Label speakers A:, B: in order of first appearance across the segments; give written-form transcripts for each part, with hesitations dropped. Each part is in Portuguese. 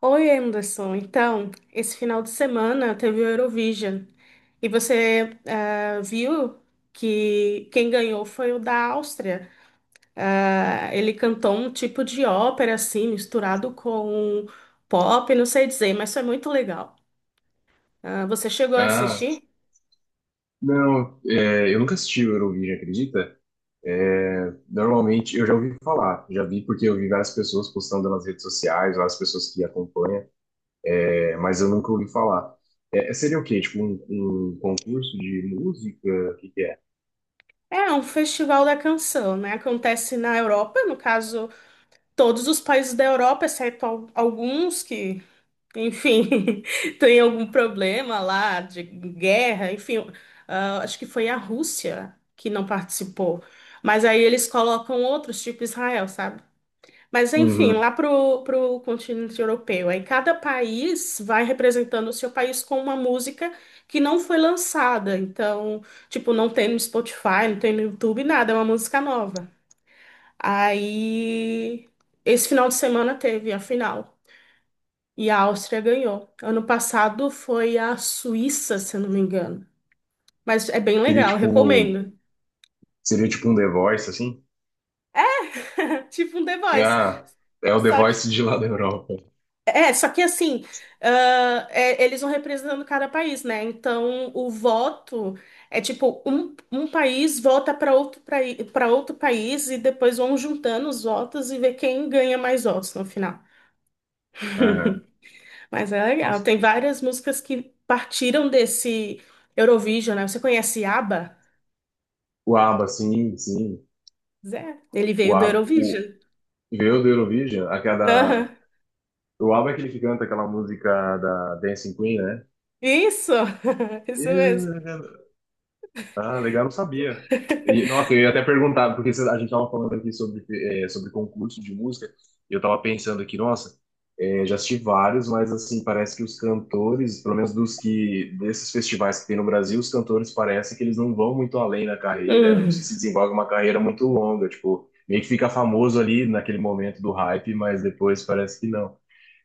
A: Oi, Anderson. Então, esse final de semana teve o Eurovision. E você viu que quem ganhou foi o da Áustria. Ah, ele cantou um tipo de ópera, assim, misturado com pop, não sei dizer, mas foi muito legal. Ah, você chegou a
B: Ah,
A: assistir?
B: não, eu nunca assisti o Eurovision, acredita? Normalmente, eu já ouvi falar, já vi porque eu vi várias pessoas postando nas redes sociais, várias pessoas que acompanham, mas eu nunca ouvi falar. Seria o quê? Tipo um concurso de música? O que que é?
A: É um festival da canção, né? Acontece na Europa, no caso, todos os países da Europa, exceto alguns que enfim, tem algum problema lá de guerra, enfim, acho que foi a Rússia que não participou. Mas aí eles colocam outros, tipo Israel, sabe? Mas enfim,
B: Uhum.
A: lá pro continente europeu. Aí cada país vai representando o seu país com uma música que não foi lançada. Então, tipo, não tem no Spotify, não tem no YouTube, nada, é uma música nova. Aí, esse final de semana teve a final. E a Áustria ganhou. Ano passado foi a Suíça, se eu não me engano. Mas é bem
B: Seria
A: legal,
B: tipo,
A: recomendo.
B: Seria tipo um The Voice, assim?
A: Tipo um The Voice.
B: Ah, é o The
A: Só que,
B: Voice de lá da Europa.
A: só que assim, é, eles vão representando cada país, né? Então, o voto é tipo, um país vota para outro país e depois vão juntando os votos e ver quem ganha mais votos no final.
B: Aham.
A: Mas é legal.
B: Nossa,
A: Tem várias músicas que partiram desse Eurovision, né? Você conhece ABBA?
B: o ABBA, sim, sim.
A: Zé, ele
B: O
A: veio do
B: ABBA,
A: Eurovision.
B: veio do Eurovision, a
A: Aham.
B: cada O Alba é aquele que canta aquela música da Dancing Queen, né?
A: Isso, isso mesmo.
B: Eu- Ah, legal, não sabia. E, nossa, eu ia até perguntar, porque a gente tava falando aqui sobre concurso de música, e eu tava pensando aqui, nossa, já assisti vários, mas assim, parece que os cantores, pelo menos desses festivais que tem no Brasil, os cantores parece que eles não vão muito além na carreira, não sei
A: Uhum.
B: se desenvolve uma carreira muito longa, tipo, meio que fica famoso ali naquele momento do hype, mas depois parece que não.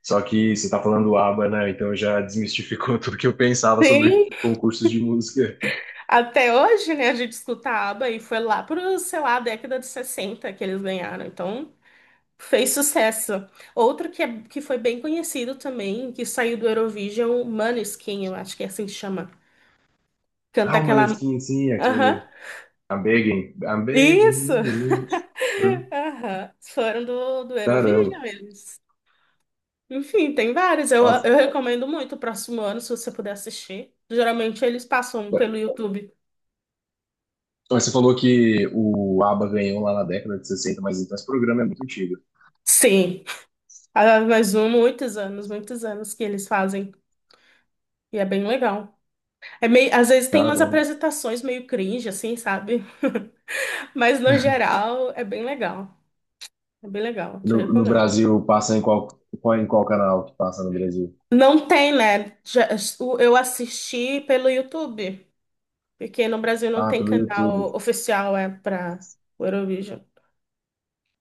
B: Só que você tá falando ABBA, né? Então já desmistificou tudo que eu pensava sobre
A: Sim,
B: concursos de música.
A: até hoje, né, a gente escutava e foi lá pro, sei lá, década de 60 que eles ganharam. Então, fez sucesso. Outro que foi bem conhecido também, que saiu do Eurovision, Måneskin, eu acho que é assim que chama. Canta
B: Ah, o
A: aquela...
B: Maneskin, sim,
A: Aham,
B: aquele. I'm begging. I'm
A: isso!
B: begging you.
A: Aham, foram do
B: Caramba.
A: Eurovision eles. Enfim, tem vários. Eu,
B: Nossa.
A: eu recomendo muito o próximo ano, se você puder assistir. Geralmente eles passam pelo YouTube.
B: Mas você falou que o ABBA ganhou lá na década de sessenta, mas então esse programa é muito antigo.
A: Sim. Ah, mas um, muitos anos que eles fazem. E é bem legal. É meio, às vezes tem umas
B: Caramba.
A: apresentações meio cringe, assim, sabe? Mas no geral é bem legal. É bem legal, te
B: No
A: recomendo.
B: Brasil, passa em qual, em qual canal que passa no Brasil?
A: Não tem, né? Eu assisti pelo YouTube, porque no Brasil não
B: Ah,
A: tem
B: pelo
A: canal
B: YouTube.
A: oficial é para o Eurovision,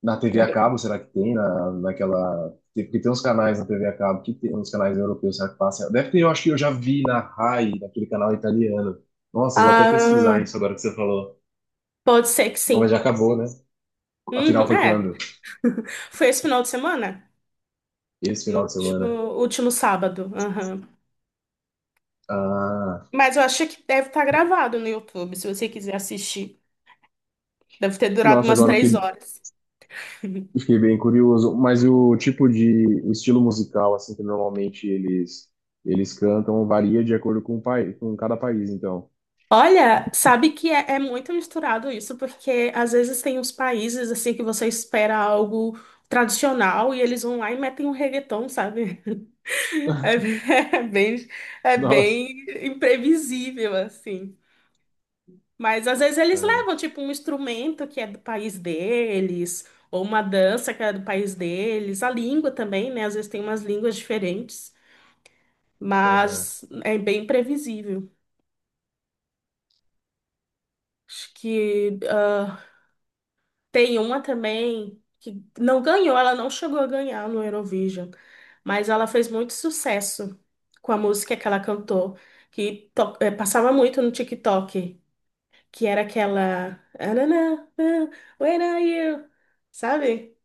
B: Na TV a
A: né?
B: cabo, será que tem? Naquela. Porque tem uns canais na TV a cabo que tem uns canais europeus, será que passa? Deve ter, eu acho que eu já vi na Rai, naquele canal italiano. Nossa, eu vou até
A: Ah,
B: pesquisar isso agora que você falou.
A: pode ser que
B: Bom, mas
A: sim.
B: já acabou, né? A final
A: Uhum,
B: foi
A: é,
B: quando?
A: foi esse final de semana?
B: Esse
A: No
B: final de semana.
A: último sábado. Aham.
B: Ah,
A: Mas eu achei que deve estar gravado no YouTube, se você quiser assistir. Deve ter durado
B: nossa,
A: umas
B: agora eu
A: três
B: fiquei,
A: horas.
B: eu fiquei bem curioso. Mas o tipo de o estilo musical, assim, que normalmente eles cantam, varia de acordo com o país, com cada país, então.
A: Olha, sabe que é muito misturado isso, porque às vezes tem uns países assim que você espera algo tradicional e eles vão lá e metem um reggaeton, sabe? É, bem, é bem é
B: Nossa.
A: bem imprevisível, assim. Mas às vezes eles
B: Ah,
A: levam, tipo, um instrumento que é do país deles, ou uma dança que é do país deles, a língua também, né? Às vezes tem umas línguas diferentes,
B: aham.
A: mas é bem previsível. Acho que tem uma também que não ganhou, ela não chegou a ganhar no Eurovision, mas ela fez muito sucesso com a música que ela cantou, que passava muito no TikTok, que era aquela. "Ah, na, na, na, when are you?" Sabe?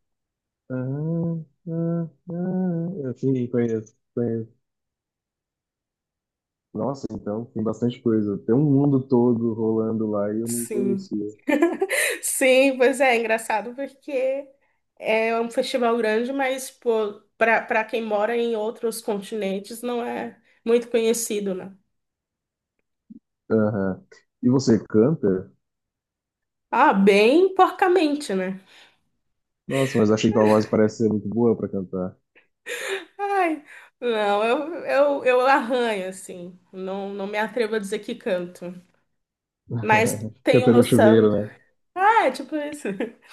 B: Ah, ah, ah. Eu Sim, conheço, conheço. Nossa, então tem bastante coisa. Tem um mundo todo rolando lá e eu não
A: Sim.
B: conhecia.
A: Sim, pois é, é engraçado porque é um festival grande, mas para quem mora em outros continentes não é muito conhecido, né?
B: Aham. E você canta?
A: Ah, bem porcamente, né?
B: Nossa, mas achei que a voz parece ser muito boa pra cantar.
A: Ai, não, eu arranho, assim. Não me atrevo a dizer que canto. Mas tenho
B: Canta no
A: noção.
B: chuveiro, né?
A: Ah, é tipo isso.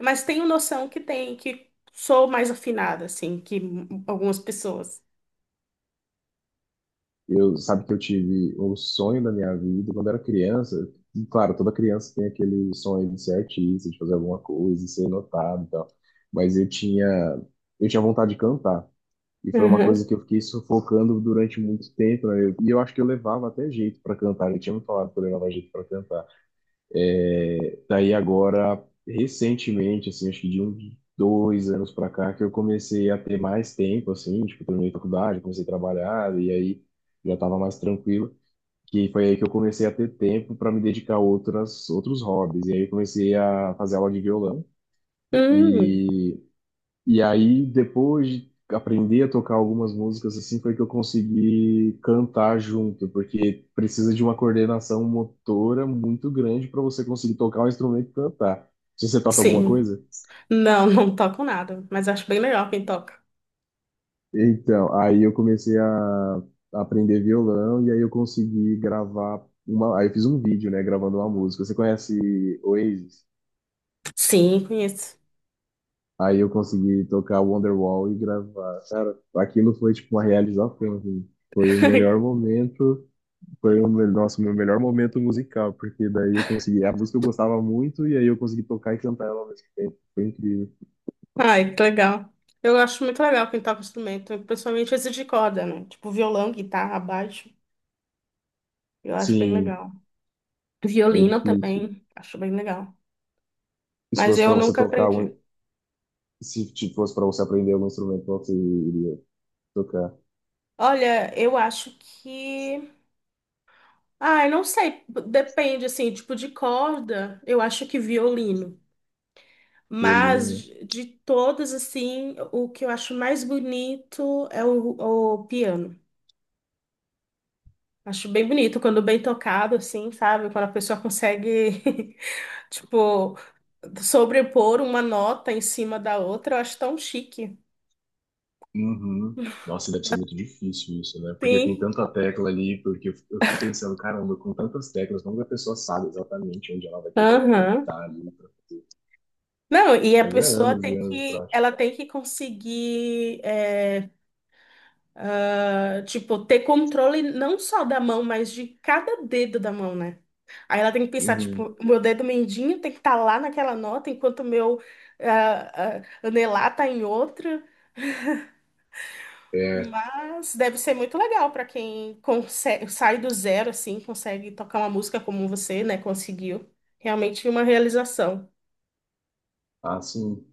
A: Mas tenho noção que tem, que sou mais afinada, assim, que algumas pessoas.
B: Sabe que eu tive o sonho da minha vida quando era criança. E, claro, toda criança tem aquele sonho de ser artista, de fazer alguma coisa, de ser notado e tal. Mas eu tinha vontade de cantar. E foi uma
A: Uhum.
B: coisa que eu fiquei sufocando durante muito tempo, né? E eu acho que eu levava até jeito para cantar. Ele tinha me falado que eu levava jeito para cantar. Daí agora, recentemente, assim, acho que de uns 2 anos para cá, que eu comecei a ter mais tempo, assim, tipo, terminei a faculdade, comecei a trabalhar, e aí já estava mais tranquilo. Que foi aí que eu comecei a ter tempo para me dedicar a outros hobbies. E aí eu comecei a fazer aula de violão.
A: Hum,
B: E e aí, depois de aprender a tocar algumas músicas assim, foi que eu consegui cantar junto, porque precisa de uma coordenação motora muito grande para você conseguir tocar um instrumento e cantar. Se você toca alguma
A: sim.
B: coisa?
A: Não, não toco nada, mas acho bem legal quem toca.
B: Então, aí eu comecei a aprender violão e aí eu consegui gravar uma, aí eu fiz um vídeo, né, gravando uma música. Você conhece Oasis?
A: Sim, conheço.
B: Aí eu consegui tocar Wonderwall e gravar. Cara, aquilo foi tipo uma realização, assim. Foi o melhor momento Foi o meu, Nossa, o meu melhor momento musical, porque daí eu consegui. A música eu gostava muito, e aí eu consegui tocar e cantar ela ao mesmo tempo. Foi incrível.
A: Ai, que legal. Eu acho muito legal quem toca instrumento, principalmente esse de corda, né? Tipo violão, guitarra, baixo. Eu acho bem
B: Sim,
A: legal.
B: é
A: Violino
B: difícil.
A: também, acho bem legal.
B: E se
A: Mas
B: fosse para
A: eu
B: você
A: nunca
B: tocar,
A: aprendi.
B: um- se tipo, fosse para você aprender algum instrumento, qual você iria tocar?
A: Olha, eu acho que. Ai, não sei, depende, assim, tipo de corda, eu acho que violino. Mas
B: Violino.
A: de todas, assim, o que eu acho mais bonito é o piano. Acho bem bonito quando bem tocado, assim, sabe? Quando a pessoa consegue, tipo, sobrepor uma nota em cima da outra, eu acho tão chique.
B: Uhum. Nossa, deve ser muito difícil isso, né? Porque tem
A: Sim.
B: tanta tecla ali, porque eu fico pensando, caramba, com tantas teclas, como que a pessoa sabe exatamente onde ela vai ter que
A: Aham.
B: apertar ali? Pra...
A: Não, e a
B: Mas é
A: pessoa
B: anos e
A: tem
B: anos de
A: que,
B: prática.
A: ela tem que conseguir, tipo, ter controle não só da mão, mas de cada dedo da mão, né? Aí ela tem que pensar,
B: Uhum.
A: tipo, o meu dedo mindinho tem que estar lá naquela nota, enquanto o meu anelar tá em outra.
B: É,
A: Mas deve ser muito legal para quem consegue, sai do zero assim, consegue tocar uma música como você, né? Conseguiu. Realmente uma realização.
B: assim.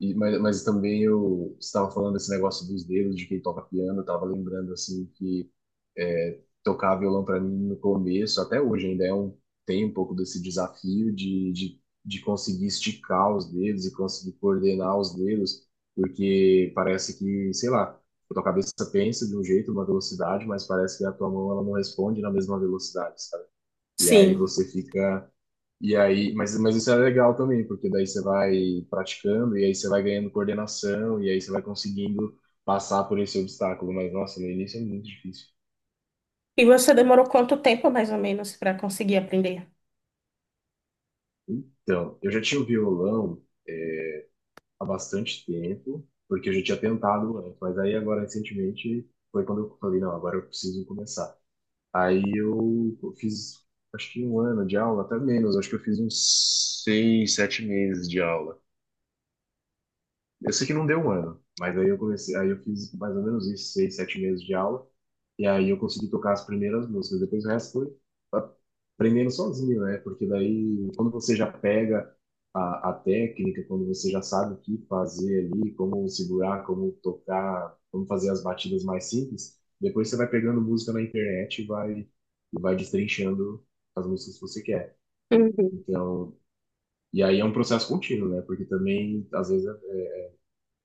B: E, mas também eu estava falando desse negócio dos dedos, de quem toca piano, eu estava lembrando assim que tocar violão para mim no começo, até hoje ainda tem um pouco desse desafio de conseguir esticar os dedos e conseguir coordenar os dedos, porque parece que, sei lá, a tua cabeça pensa de um jeito, uma velocidade, mas parece que a tua mão ela não responde na mesma velocidade, sabe? E aí
A: Sim.
B: você fica e aí, mas isso é legal também, porque daí você vai praticando e aí você vai ganhando coordenação e aí você vai conseguindo passar por esse obstáculo. Mas, nossa, no início é muito difícil.
A: E você demorou quanto tempo, mais ou menos, para conseguir aprender?
B: Então, eu já tinha o violão é, há bastante tempo, porque eu já tinha tentado antes, mas aí agora recentemente foi quando eu falei, não, agora eu preciso começar. Aí eu fiz, acho que um ano de aula, até menos, acho que eu fiz uns 6, 7 meses de aula. Eu sei que não deu um ano, mas aí eu comecei, aí eu fiz mais ou menos isso, 6, 7 meses de aula, e aí eu consegui tocar as primeiras músicas, depois o resto foi aprendendo sozinho, né? Porque daí, quando você já pega a técnica, quando você já sabe o que fazer ali, como segurar, como tocar, como fazer as batidas mais simples, depois você vai pegando música na internet e vai destrinchando as músicas que você quer.
A: Uhum.
B: Então, e aí é um processo contínuo, né? Porque também, às vezes,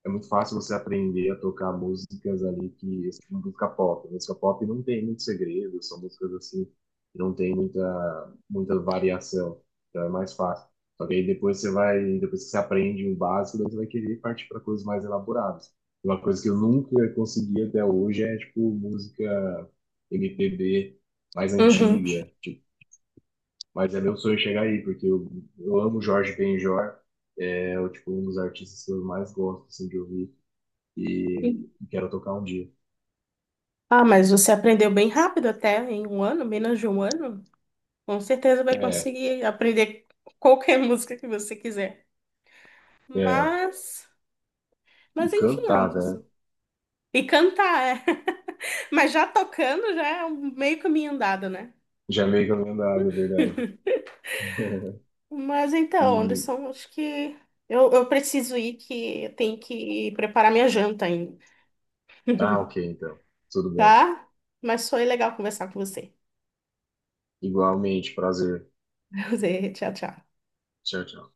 B: é muito fácil você aprender a tocar músicas ali que tipo, música pop. Música pop não tem muito segredo, são músicas assim que não tem muita variação, então é mais fácil. Só que aí depois depois que você aprende o básico, daí você vai querer partir para coisas mais elaboradas. Uma coisa que eu nunca consegui até hoje é tipo música MPB mais
A: Uhum.
B: antiga, tipo, mas é meu sonho chegar aí, porque eu amo Jorge Benjor, é o tipo um dos artistas que eu mais gosto assim, de ouvir e quero tocar um dia.
A: Ah, mas você aprendeu bem rápido até, em um ano, menos de um ano. Com certeza vai
B: É,
A: conseguir aprender qualquer música que você quiser.
B: é.
A: Mas,
B: E
A: mas enfim,
B: cantar, né?
A: Anderson. E cantar, é. Mas já tocando já é um meio caminho andado, né?
B: Já meio que eu não nada, é verdade.
A: Mas então,
B: E.
A: Anderson, acho que eu preciso ir, que eu tenho que preparar minha janta ainda,
B: Ah, ok, então. Tudo bem.
A: tá? Mas foi legal conversar com você.
B: Igualmente, prazer.
A: Tchau, tchau.
B: Tchau, tchau.